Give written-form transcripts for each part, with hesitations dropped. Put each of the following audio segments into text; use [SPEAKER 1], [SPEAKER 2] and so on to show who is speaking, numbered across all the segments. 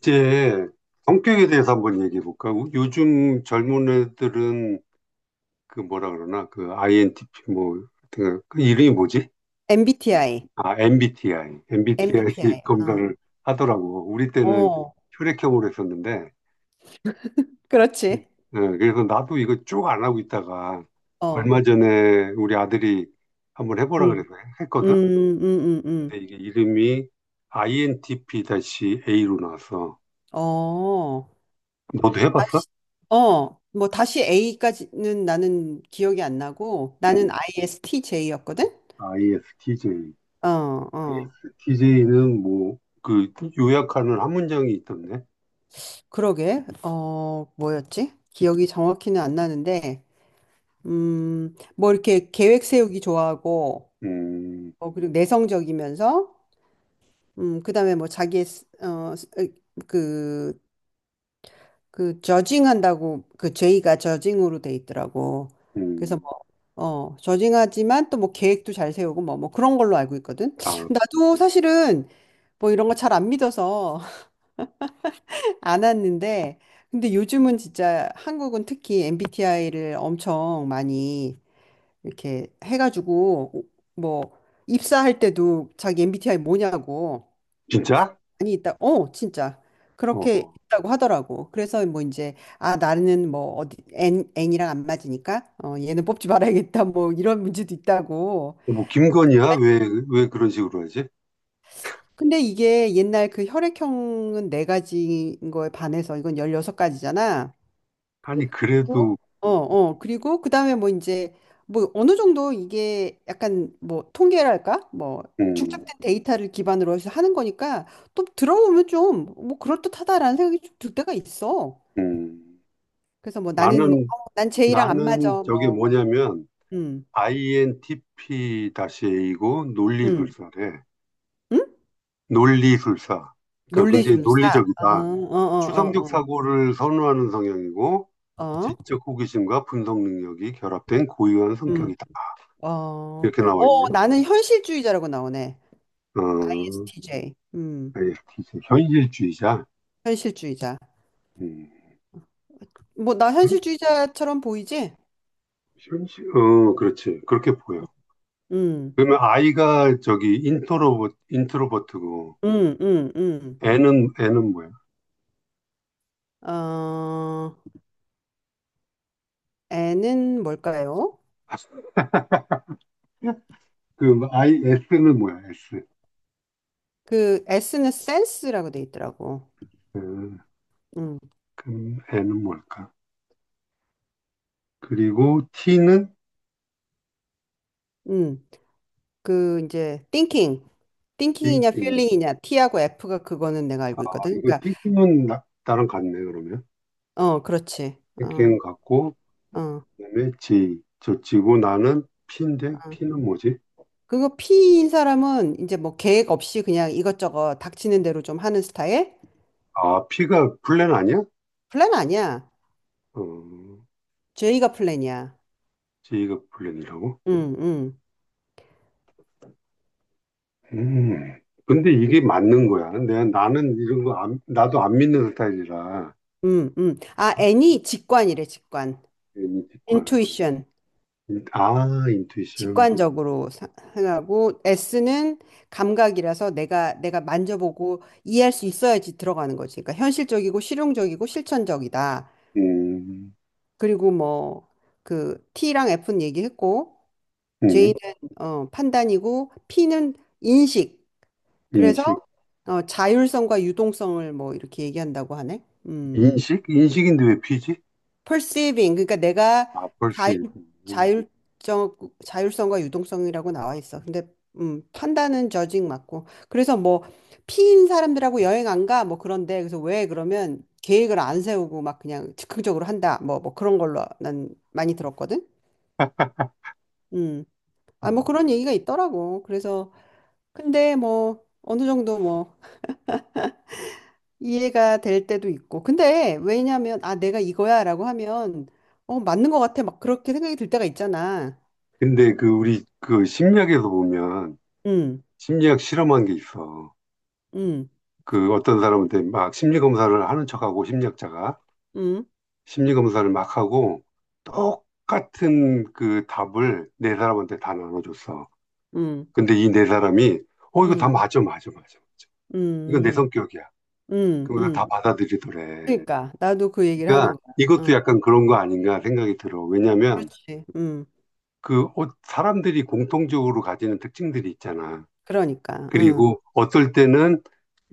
[SPEAKER 1] 이제 성격에 대해서 한번 얘기해 볼까? 요즘 젊은 애들은 그 뭐라 그러나 그 INTP 뭐 하여튼 그 이름이 뭐지?
[SPEAKER 2] MBTI,
[SPEAKER 1] 아 MBTI, MBTI
[SPEAKER 2] MBTI.
[SPEAKER 1] 검사를 하더라고. 우리
[SPEAKER 2] 어,
[SPEAKER 1] 때는
[SPEAKER 2] 어,
[SPEAKER 1] 혈액형으로 했었는데,
[SPEAKER 2] 그렇지.
[SPEAKER 1] 예, 그래서 나도 이거 쭉 안 하고 있다가
[SPEAKER 2] 어,
[SPEAKER 1] 얼마 전에 우리 아들이 한번 해보라
[SPEAKER 2] 음,
[SPEAKER 1] 그래서
[SPEAKER 2] 음,
[SPEAKER 1] 했거든.
[SPEAKER 2] 음, 음,
[SPEAKER 1] 근데
[SPEAKER 2] 음.
[SPEAKER 1] 이게 이름이 INTP-A로 나왔어.
[SPEAKER 2] 어,
[SPEAKER 1] 너도 해봤어?
[SPEAKER 2] 다시, 뭐 다시 A까지는 나는 기억이 안 나고
[SPEAKER 1] 응.
[SPEAKER 2] 나는 ISTJ였거든.
[SPEAKER 1] ISTJ.
[SPEAKER 2] 어, 어,
[SPEAKER 1] ISTJ는 뭐, 그, 요약하는 한 문장이 있던데.
[SPEAKER 2] 그러게. 뭐였지? 기억이 정확히는 안 나는데, 뭐 이렇게 계획 세우기 좋아하고,
[SPEAKER 1] 음,
[SPEAKER 2] 그리고 내성적이면서, 그다음에 뭐 자기의 그 그 저징한다고 그 죄의가 저징으로 돼 있더라고. 그래서
[SPEAKER 1] 음,
[SPEAKER 2] 뭐 저징하지만 또 뭐 계획도 잘 세우고 뭐 그런 걸로 알고 있거든.
[SPEAKER 1] 아,
[SPEAKER 2] 나도 사실은 뭐 이런 거 잘 안 믿어서 안 왔는데 근데 요즘은 진짜 한국은 특히 MBTI를 엄청 많이 이렇게 해가지고 뭐 입사할 때도 자기 MBTI 뭐냐고
[SPEAKER 1] 진짜?
[SPEAKER 2] 많이 있다. 어, 진짜. 그렇게
[SPEAKER 1] 어,
[SPEAKER 2] 있다고 하더라고. 그래서 뭐 이제, 아, 나는 뭐 어디, N이랑 안 맞으니까, 얘는 뽑지 말아야겠다. 뭐 이런 문제도 있다고.
[SPEAKER 1] 뭐, 김건희야? 왜 그런 식으로 하지?
[SPEAKER 2] 근데 이게 옛날 그 혈액형은 네 가지인 거에 반해서 이건 16가지잖아.
[SPEAKER 1] 아니, 그래도,
[SPEAKER 2] 어, 어. 그리고 그 다음에 뭐 이제, 뭐 어느 정도 이게 약간 뭐 통계랄까? 뭐
[SPEAKER 1] 음,
[SPEAKER 2] 축적된 데이터를 기반으로 해서 하는 거니까 또 들어보면 좀 뭐 그럴듯하다라는 생각이 좀 들 때가 있어.
[SPEAKER 1] 음,
[SPEAKER 2] 그래서 뭐 나는 뭐,
[SPEAKER 1] 나는,
[SPEAKER 2] 난 제이랑 안 맞아.
[SPEAKER 1] 나는 저게
[SPEAKER 2] 뭐
[SPEAKER 1] 뭐냐면,
[SPEAKER 2] 음,
[SPEAKER 1] INTP-A이고,
[SPEAKER 2] 음,
[SPEAKER 1] 논리술사래.
[SPEAKER 2] 음?
[SPEAKER 1] 논리술사. 그러니까 굉장히
[SPEAKER 2] 논리술사. 어,
[SPEAKER 1] 논리적이다.
[SPEAKER 2] 어,
[SPEAKER 1] 추상적
[SPEAKER 2] 어,
[SPEAKER 1] 사고를 선호하는 성향이고
[SPEAKER 2] 어, 어, 어,
[SPEAKER 1] 지적 호기심과 분석 능력이 결합된 고유한
[SPEAKER 2] 음,
[SPEAKER 1] 성격이다.
[SPEAKER 2] 어,
[SPEAKER 1] 이렇게 나와
[SPEAKER 2] 어,
[SPEAKER 1] 있네.
[SPEAKER 2] 나는 현실주의자라고 나오네.
[SPEAKER 1] 어,
[SPEAKER 2] ESTJ.
[SPEAKER 1] t 현실주의자.
[SPEAKER 2] 현실주의자.
[SPEAKER 1] 음,
[SPEAKER 2] 뭐, 나
[SPEAKER 1] 그렇-
[SPEAKER 2] 현실주의자처럼 보이지?
[SPEAKER 1] 그렇지. 그렇게 보여.
[SPEAKER 2] 음,
[SPEAKER 1] 그러면 i 가 저기 인트로버트고
[SPEAKER 2] 음, 음, 음.
[SPEAKER 1] N은 뭐야?
[SPEAKER 2] 어, N은 뭘까요?
[SPEAKER 1] 그럼 I S는 뭐야? S.
[SPEAKER 2] 그 S는 센스라고 돼 있더라고.
[SPEAKER 1] 어,
[SPEAKER 2] 음,
[SPEAKER 1] 그럼 N은 뭘까? 그리고 T는
[SPEAKER 2] 음. 그 이제 thinking, thinking이냐
[SPEAKER 1] thinking.
[SPEAKER 2] feeling이냐 T하고 F가 그거는 내가
[SPEAKER 1] 아,
[SPEAKER 2] 알고 있거든.
[SPEAKER 1] 이거
[SPEAKER 2] 그러니까
[SPEAKER 1] thinking은 나랑 같네 그러면.
[SPEAKER 2] 그렇지. 어
[SPEAKER 1] 펭귄 같고
[SPEAKER 2] 어 어.
[SPEAKER 1] 그다음에 J 저 지고 나는 P인데 P는 뭐지?
[SPEAKER 2] 그거 P인 사람은 이제 뭐 계획 없이 그냥 이것저것 닥치는 대로 좀 하는 스타일?
[SPEAKER 1] 아 P가 플랜 아니야?
[SPEAKER 2] 플랜 아니야.
[SPEAKER 1] 어
[SPEAKER 2] J가 플랜이야.
[SPEAKER 1] J가 플랜이라고?
[SPEAKER 2] 음 음
[SPEAKER 1] 음 근데 이게 맞는 거야. 내가 나는 이런 거 나도 안 믿는 스타일이라
[SPEAKER 2] 아 N이 직관이래 직관.
[SPEAKER 1] 인식과
[SPEAKER 2] intuition.
[SPEAKER 1] 아 인투이션
[SPEAKER 2] 직관적으로 생각하고 S는 감각이라서 내가 만져보고 이해할 수 있어야지 들어가는 거지. 그러니까 현실적이고 실용적이고 실천적이다.
[SPEAKER 1] 음,
[SPEAKER 2] 그리고 뭐 그 T랑 F는 얘기했고 J는
[SPEAKER 1] 음
[SPEAKER 2] 판단이고 P는 인식. 그래서
[SPEAKER 1] 인식
[SPEAKER 2] 자율성과 유동성을 뭐 이렇게 얘기한다고 하네. 음.
[SPEAKER 1] 인식인데 왜 P지?
[SPEAKER 2] perceiving 그러니까 내가
[SPEAKER 1] 아 벌써
[SPEAKER 2] 자율
[SPEAKER 1] 음.
[SPEAKER 2] 자율적 자율성과 유동성이라고 나와 있어. 근데 판단은 judging 맞고. 그래서 뭐 피인 사람들하고 여행 안 가? 뭐 그런데 그래서 왜 그러면 계획을 안 세우고 막 그냥 즉흥적으로 한다. 뭐 뭐 그런 걸로 난 많이 들었거든. 음.
[SPEAKER 1] 아,
[SPEAKER 2] 아, 뭐 그런 얘기가 있더라고. 그래서 근데 뭐 어느 정도 뭐 이해가 될 때도 있고. 근데 왜냐면 아 내가 이거야라고 하면 맞는 것 같아. 막 그렇게 생각이 들 때가 있잖아.
[SPEAKER 1] 근데 그 우리 그 심리학에서 보면
[SPEAKER 2] 음,
[SPEAKER 1] 심리학 실험한 게 있어.
[SPEAKER 2] 음,
[SPEAKER 1] 그 어떤 사람한테 막 심리 검사를 하는 척하고 심리학자가
[SPEAKER 2] 음,
[SPEAKER 1] 심리 검사를 막 하고 똑같은 그 답을 네 사람한테 다 나눠줬어.
[SPEAKER 2] 음,
[SPEAKER 1] 근데 이 네 사람이 이거 다
[SPEAKER 2] 음,
[SPEAKER 1] 맞아 맞아 맞아 맞아. 이거 내
[SPEAKER 2] 음,
[SPEAKER 1] 성격이야.
[SPEAKER 2] 음,
[SPEAKER 1] 그러면서 다
[SPEAKER 2] 음.
[SPEAKER 1] 받아들이더래.
[SPEAKER 2] 그러니까 나도 그 얘기를 하는
[SPEAKER 1] 그러니까
[SPEAKER 2] 거야.
[SPEAKER 1] 이것도
[SPEAKER 2] 어,
[SPEAKER 1] 약간 그런 거 아닌가 생각이 들어. 왜냐하면
[SPEAKER 2] 그렇지.
[SPEAKER 1] 그 사람들이 공통적으로 가지는 특징들이 있잖아.
[SPEAKER 2] 그러니까.
[SPEAKER 1] 그리고 어떨 때는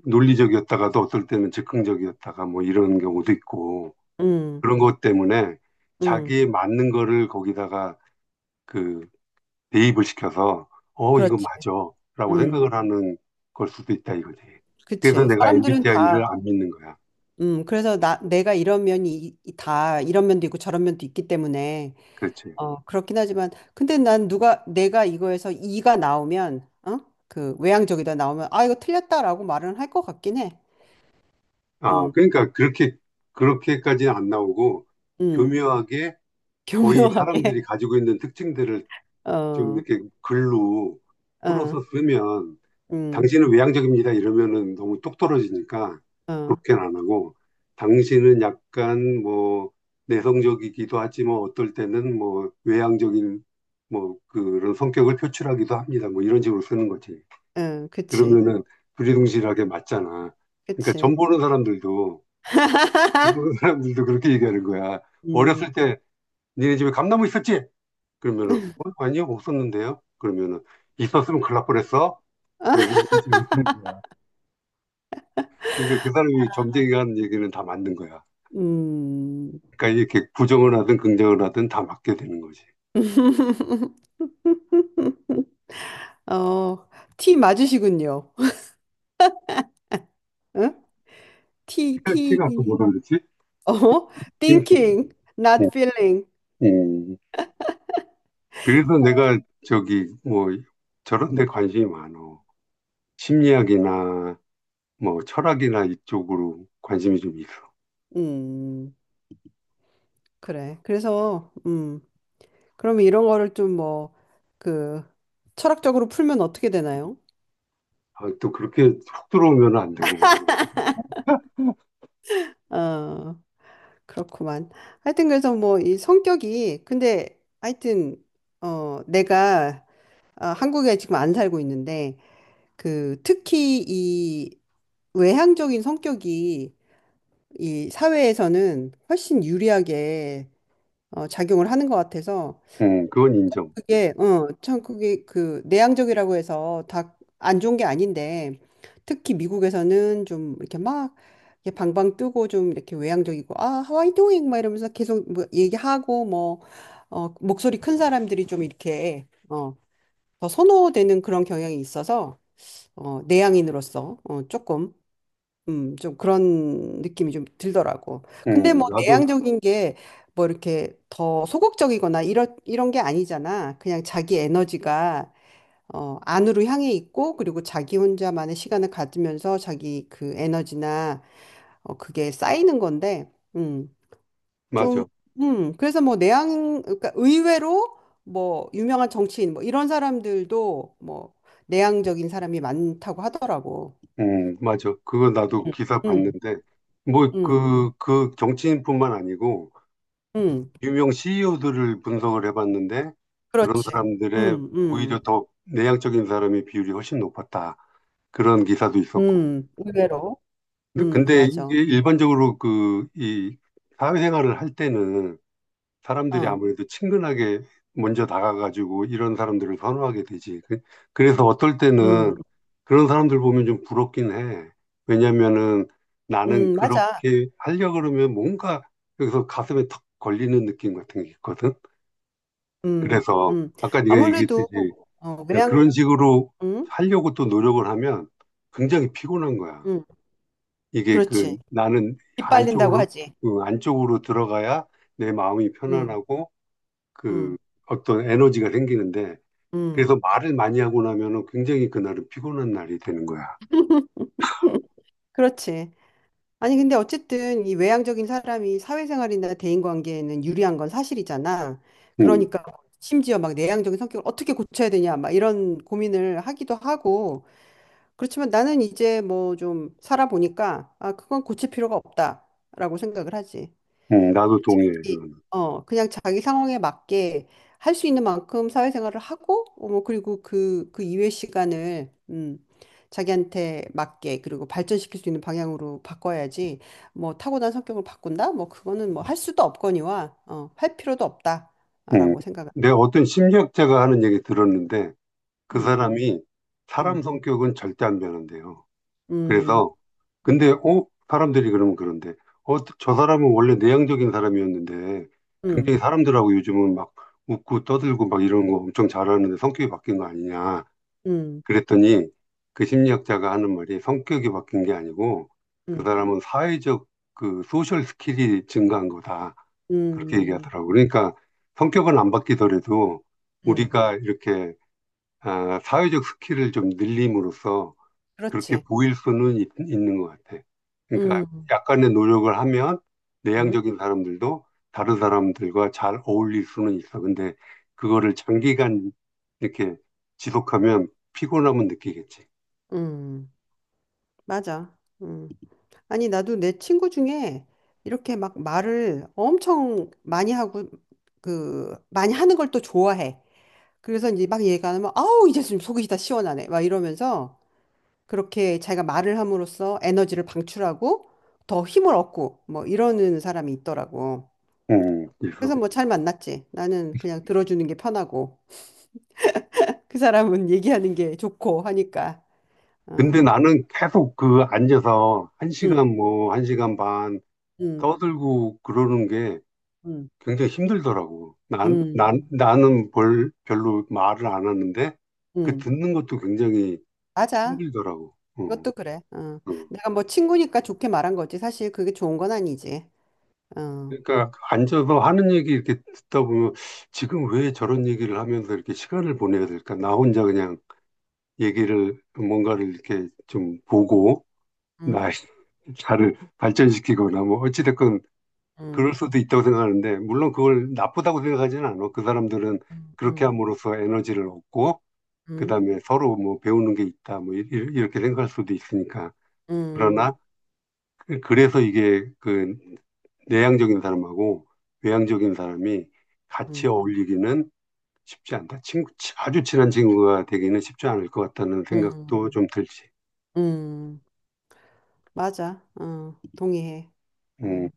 [SPEAKER 1] 논리적이었다가도 어떨 때는 즉흥적이었다가 뭐 이런 경우도 있고.
[SPEAKER 2] 음,
[SPEAKER 1] 그런 것 때문에
[SPEAKER 2] 음,
[SPEAKER 1] 자기에 맞는 거를 거기다가 그 대입을 시켜서 이거
[SPEAKER 2] 그렇지.
[SPEAKER 1] 맞아. 라고
[SPEAKER 2] 음,
[SPEAKER 1] 생각을 하는 걸 수도 있다 이거지. 그래서
[SPEAKER 2] 그치.
[SPEAKER 1] 내가
[SPEAKER 2] 사람들은
[SPEAKER 1] MBTI를
[SPEAKER 2] 다.
[SPEAKER 1] 안 믿는 거야.
[SPEAKER 2] 그래서 나 내가 이런 면이 다 이런 면도 있고 저런 면도 있기 때문에
[SPEAKER 1] 그렇지.
[SPEAKER 2] 어 그렇긴 하지만 근데 난 누가 내가 이거에서 이가 나오면 그 외향적이다 나오면 아 이거 틀렸다라고 말은 할 것 같긴 해.
[SPEAKER 1] 아,
[SPEAKER 2] 음,
[SPEAKER 1] 그러니까 그렇게까지는 안 나오고
[SPEAKER 2] 음,
[SPEAKER 1] 교묘하게 거의 사람들이
[SPEAKER 2] 교묘하게.
[SPEAKER 1] 가지고 있는 특징들을 좀
[SPEAKER 2] 어,
[SPEAKER 1] 이렇게 글로
[SPEAKER 2] 어,
[SPEAKER 1] 풀어서 쓰면
[SPEAKER 2] 음,
[SPEAKER 1] 당신은 외향적입니다. 이러면은 너무 똑 떨어지니까
[SPEAKER 2] 어,
[SPEAKER 1] 그렇게는 안 하고 당신은 약간 뭐 내성적이기도 하지만 어떨 때는 뭐 외향적인 뭐 그런 성격을 표출하기도 합니다. 뭐 이런 식으로 쓰는 거지.
[SPEAKER 2] 응, 그치,
[SPEAKER 1] 그러면은 두리둥실하게 맞잖아. 그러니까
[SPEAKER 2] 그치.
[SPEAKER 1] 점 보는 사람들도 그렇게 얘기하는 거야.
[SPEAKER 2] 음,
[SPEAKER 1] 어렸을 때 니네 집에 감나무 있었지? 그러면은 아니요 없었는데요. 그러면은 있었으면 큰일 날 뻔했어. 뭐 이런 식으로 쓰는 거야. 그러니까 그 사람이 점쟁이가 하는 얘기는 다 맞는 거야.
[SPEAKER 2] 음.
[SPEAKER 1] 그러니까 이렇게 부정을 하든 긍정을 하든 다 맞게 되는 거지.
[SPEAKER 2] 어, 티 맞으시군요. 응? 티, 티,
[SPEAKER 1] 티가 또 뭐라 그랬지?
[SPEAKER 2] 어,
[SPEAKER 1] 띵킹.
[SPEAKER 2] thinking,
[SPEAKER 1] 음,
[SPEAKER 2] not feeling.
[SPEAKER 1] 음. 그래서 내가 저기 뭐 저런 데 관심이 많어. 심리학이나 뭐 철학이나 이쪽으로 관심이 좀 있어.
[SPEAKER 2] 음, 그래. 그래서, 그러면 이런 거를 좀 뭐, 그, 철학적으로 풀면 어떻게 되나요?
[SPEAKER 1] 아, 또 그렇게 훅 들어오면 안 되고.
[SPEAKER 2] 어, 그렇구만. 하여튼 그래서 뭐 이 성격이 근데 하여튼 내가 한국에 지금 안 살고 있는데 그 특히 이 외향적인 성격이 이 사회에서는 훨씬 유리하게 작용을 하는 것 같아서
[SPEAKER 1] 그건 인정.
[SPEAKER 2] 그게 어, 참 그게 그 내향적이라고 해서 다 안 좋은 게 아닌데 특히 미국에서는 좀 이렇게 막 이렇게 방방 뜨고 좀 이렇게 외향적이고 아 하와이 도잉 막 이러면서 계속 뭐 얘기하고 뭐 목소리 큰 사람들이 좀 이렇게 더 선호되는 그런 경향이 있어서 내향인으로서 조금 좀 그런 느낌이 좀 들더라고. 근데 뭐
[SPEAKER 1] 나도
[SPEAKER 2] 내향적인 게 뭐 이렇게 더 소극적이거나 이런 게 아니잖아. 그냥 자기 에너지가 안으로 향해 있고 그리고 자기 혼자만의 시간을 가지면서 자기 그 에너지나 그게 쌓이는 건데 음, 좀
[SPEAKER 1] 맞아.
[SPEAKER 2] 그래서 뭐 내향 그러니까 의외로 뭐 유명한 정치인 뭐 이런 사람들도 뭐 내향적인 사람이 많다고 하더라고.
[SPEAKER 1] 맞아. 그거 나도
[SPEAKER 2] 음.
[SPEAKER 1] 기사
[SPEAKER 2] 음,
[SPEAKER 1] 봤는데 뭐
[SPEAKER 2] 음,
[SPEAKER 1] 그 정치인뿐만 아니고
[SPEAKER 2] 음.
[SPEAKER 1] 유명 CEO들을 분석을 해봤는데 그런
[SPEAKER 2] 그렇지.
[SPEAKER 1] 사람들의
[SPEAKER 2] 음,
[SPEAKER 1] 오히려
[SPEAKER 2] 음,
[SPEAKER 1] 더 내향적인 사람의 비율이 훨씬 높았다. 그런 기사도 있었고.
[SPEAKER 2] 의외로.
[SPEAKER 1] 근데 이게
[SPEAKER 2] 맞아.
[SPEAKER 1] 일반적으로 그 이 사회생활을 할 때는 사람들이
[SPEAKER 2] 어,
[SPEAKER 1] 아무래도 친근하게 먼저 다가가지고 이런 사람들을 선호하게 되지. 그래서 어떨
[SPEAKER 2] 음,
[SPEAKER 1] 때는 그런 사람들 보면 좀 부럽긴 해. 왜냐면은 나는
[SPEAKER 2] 맞아.
[SPEAKER 1] 그렇게 하려고 그러면 뭔가 여기서 가슴에 턱 걸리는 느낌 같은 게 있거든.
[SPEAKER 2] 음,
[SPEAKER 1] 그래서
[SPEAKER 2] 음.
[SPEAKER 1] 아까 네가
[SPEAKER 2] 아무래도,
[SPEAKER 1] 얘기했듯이
[SPEAKER 2] 외양,
[SPEAKER 1] 그런 식으로
[SPEAKER 2] 음,
[SPEAKER 1] 하려고 또 노력을 하면 굉장히 피곤한 거야.
[SPEAKER 2] 음,
[SPEAKER 1] 이게 그
[SPEAKER 2] 그렇지.
[SPEAKER 1] 나는
[SPEAKER 2] 이빨린다고
[SPEAKER 1] 안쪽으로
[SPEAKER 2] 하지.
[SPEAKER 1] 그 안쪽으로 들어가야 내 마음이
[SPEAKER 2] 음,
[SPEAKER 1] 편안하고 그
[SPEAKER 2] 음,
[SPEAKER 1] 어떤 에너지가 생기는데 그래서
[SPEAKER 2] 음.
[SPEAKER 1] 말을 많이 하고 나면은 굉장히 그날은 피곤한 날이 되는 거야.
[SPEAKER 2] 그렇지. 아니, 근데 어쨌든 이 외향적인 사람이 사회생활이나 대인관계에는 유리한 건 사실이잖아.
[SPEAKER 1] 음,
[SPEAKER 2] 그러니까 심지어 막 내향적인 성격을 어떻게 고쳐야 되냐, 막 이런 고민을 하기도 하고, 그렇지만 나는 이제 뭐 좀 살아보니까 아, 그건 고칠 필요가 없다라고 생각을 하지.
[SPEAKER 1] 나도 동의해. 그거는.
[SPEAKER 2] 그냥 자기 상황에 맞게 할 수 있는 만큼 사회생활을 하고 어, 뭐 그리고 그 이외 시간을 자기한테 맞게 그리고 발전시킬 수 있는 방향으로 바꿔야지 뭐 타고난 성격을 바꾼다? 뭐 그거는 뭐 할 수도 없거니와 할 필요도
[SPEAKER 1] 음.
[SPEAKER 2] 없다라고 생각을.
[SPEAKER 1] 내가 어떤 심리학자가 하는 얘기 들었는데 그
[SPEAKER 2] 음,
[SPEAKER 1] 사람이 사람
[SPEAKER 2] 음,
[SPEAKER 1] 성격은 절대 안 변한대요.
[SPEAKER 2] 음,
[SPEAKER 1] 그래서
[SPEAKER 2] 음,
[SPEAKER 1] 근데 사람들이 그러면 그런데 어저 사람은 원래 내향적인 사람이었는데
[SPEAKER 2] 음,
[SPEAKER 1] 굉장히 사람들하고 요즘은 막 웃고 떠들고 막 이런 거 엄청 잘하는데 성격이 바뀐 거 아니냐
[SPEAKER 2] 음,
[SPEAKER 1] 그랬더니 그 심리학자가 하는 말이 성격이 바뀐 게 아니고 그
[SPEAKER 2] 음,
[SPEAKER 1] 사람은 사회적 그 소셜 스킬이 증가한 거다 그렇게
[SPEAKER 2] 음, 음.
[SPEAKER 1] 얘기하더라고 그러니까 성격은 안 바뀌더라도
[SPEAKER 2] 음.
[SPEAKER 1] 우리가 이렇게 아, 사회적 스킬을 좀 늘림으로써 그렇게
[SPEAKER 2] 그렇지.
[SPEAKER 1] 보일 수는 있, 는것 같아. 그러니까
[SPEAKER 2] 음,
[SPEAKER 1] 약간의 노력을 하면
[SPEAKER 2] 음,
[SPEAKER 1] 내향적인 사람들도 다른 사람들과 잘 어울릴 수는 있어. 근데 그거를 장기간 이렇게 지속하면 피곤함은 느끼겠지.
[SPEAKER 2] 음, 맞아. 음. 아니, 나도 내 친구 중에 이렇게 막 말을 엄청 많이 하고, 그, 많이 하는 걸 또 좋아해. 그래서 이제 막 얘기하면, 아우, 이제 좀 속이 다 시원하네. 막 이러면서 그렇게 자기가 말을 함으로써 에너지를 방출하고 더 힘을 얻고 뭐 이러는 사람이 있더라고. 그래서
[SPEAKER 1] 그래서.
[SPEAKER 2] 뭐 잘 만났지. 나는 그냥 들어주는 게 편하고 그 사람은 얘기하는 게 좋고 하니까. 어.
[SPEAKER 1] 근데 나는 계속 그 앉아서 1시간
[SPEAKER 2] 음,
[SPEAKER 1] 뭐, 1시간 반
[SPEAKER 2] 음,
[SPEAKER 1] 떠들고 그러는 게
[SPEAKER 2] 음,
[SPEAKER 1] 굉장히 힘들더라고.
[SPEAKER 2] 음.
[SPEAKER 1] 나는 별로 말을 안 하는데 그
[SPEAKER 2] 음,
[SPEAKER 1] 듣는 것도 굉장히
[SPEAKER 2] 맞아.
[SPEAKER 1] 힘들더라고. 어.
[SPEAKER 2] 그것도 그래. 어.
[SPEAKER 1] 음.
[SPEAKER 2] 내가 뭐 친구니까 좋게 말한 거지. 사실 그게 좋은 건 아니지. 어.
[SPEAKER 1] 그러니까 앉아서 하는 얘기 이렇게 듣다 보면 지금 왜 저런 얘기를 하면서 이렇게 시간을 보내야 될까? 나 혼자 그냥 얘기를 뭔가를 이렇게 좀 보고
[SPEAKER 2] 음,
[SPEAKER 1] 나, 나를 발전시키거나 뭐 어찌됐건 그럴
[SPEAKER 2] 음,
[SPEAKER 1] 수도 있다고 생각하는데 물론 그걸 나쁘다고 생각하지는 않아. 그 사람들은
[SPEAKER 2] 음,
[SPEAKER 1] 그렇게
[SPEAKER 2] 음,
[SPEAKER 1] 함으로써 에너지를 얻고
[SPEAKER 2] 음,
[SPEAKER 1] 그다음에 서로 뭐 배우는 게 있다 뭐 이렇게 생각할 수도 있으니까.
[SPEAKER 2] 음,
[SPEAKER 1] 그러나 그래서 이게 그 내향적인 사람하고 외향적인 사람이 같이
[SPEAKER 2] 음,
[SPEAKER 1] 어울리기는 쉽지 않다. 아주 친한 친구가 되기는 쉽지 않을 것 같다는 생각도
[SPEAKER 2] 음,
[SPEAKER 1] 좀 들지.
[SPEAKER 2] 음. 맞아. 어, 동의해.
[SPEAKER 1] 음,
[SPEAKER 2] 어.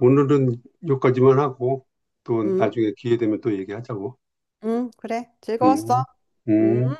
[SPEAKER 1] 오늘은 여기까지만 하고 또
[SPEAKER 2] 음,
[SPEAKER 1] 나중에 기회 되면 또 얘기하자고.
[SPEAKER 2] 그래. 즐거웠어.
[SPEAKER 1] 음,
[SPEAKER 2] 음.
[SPEAKER 1] 음.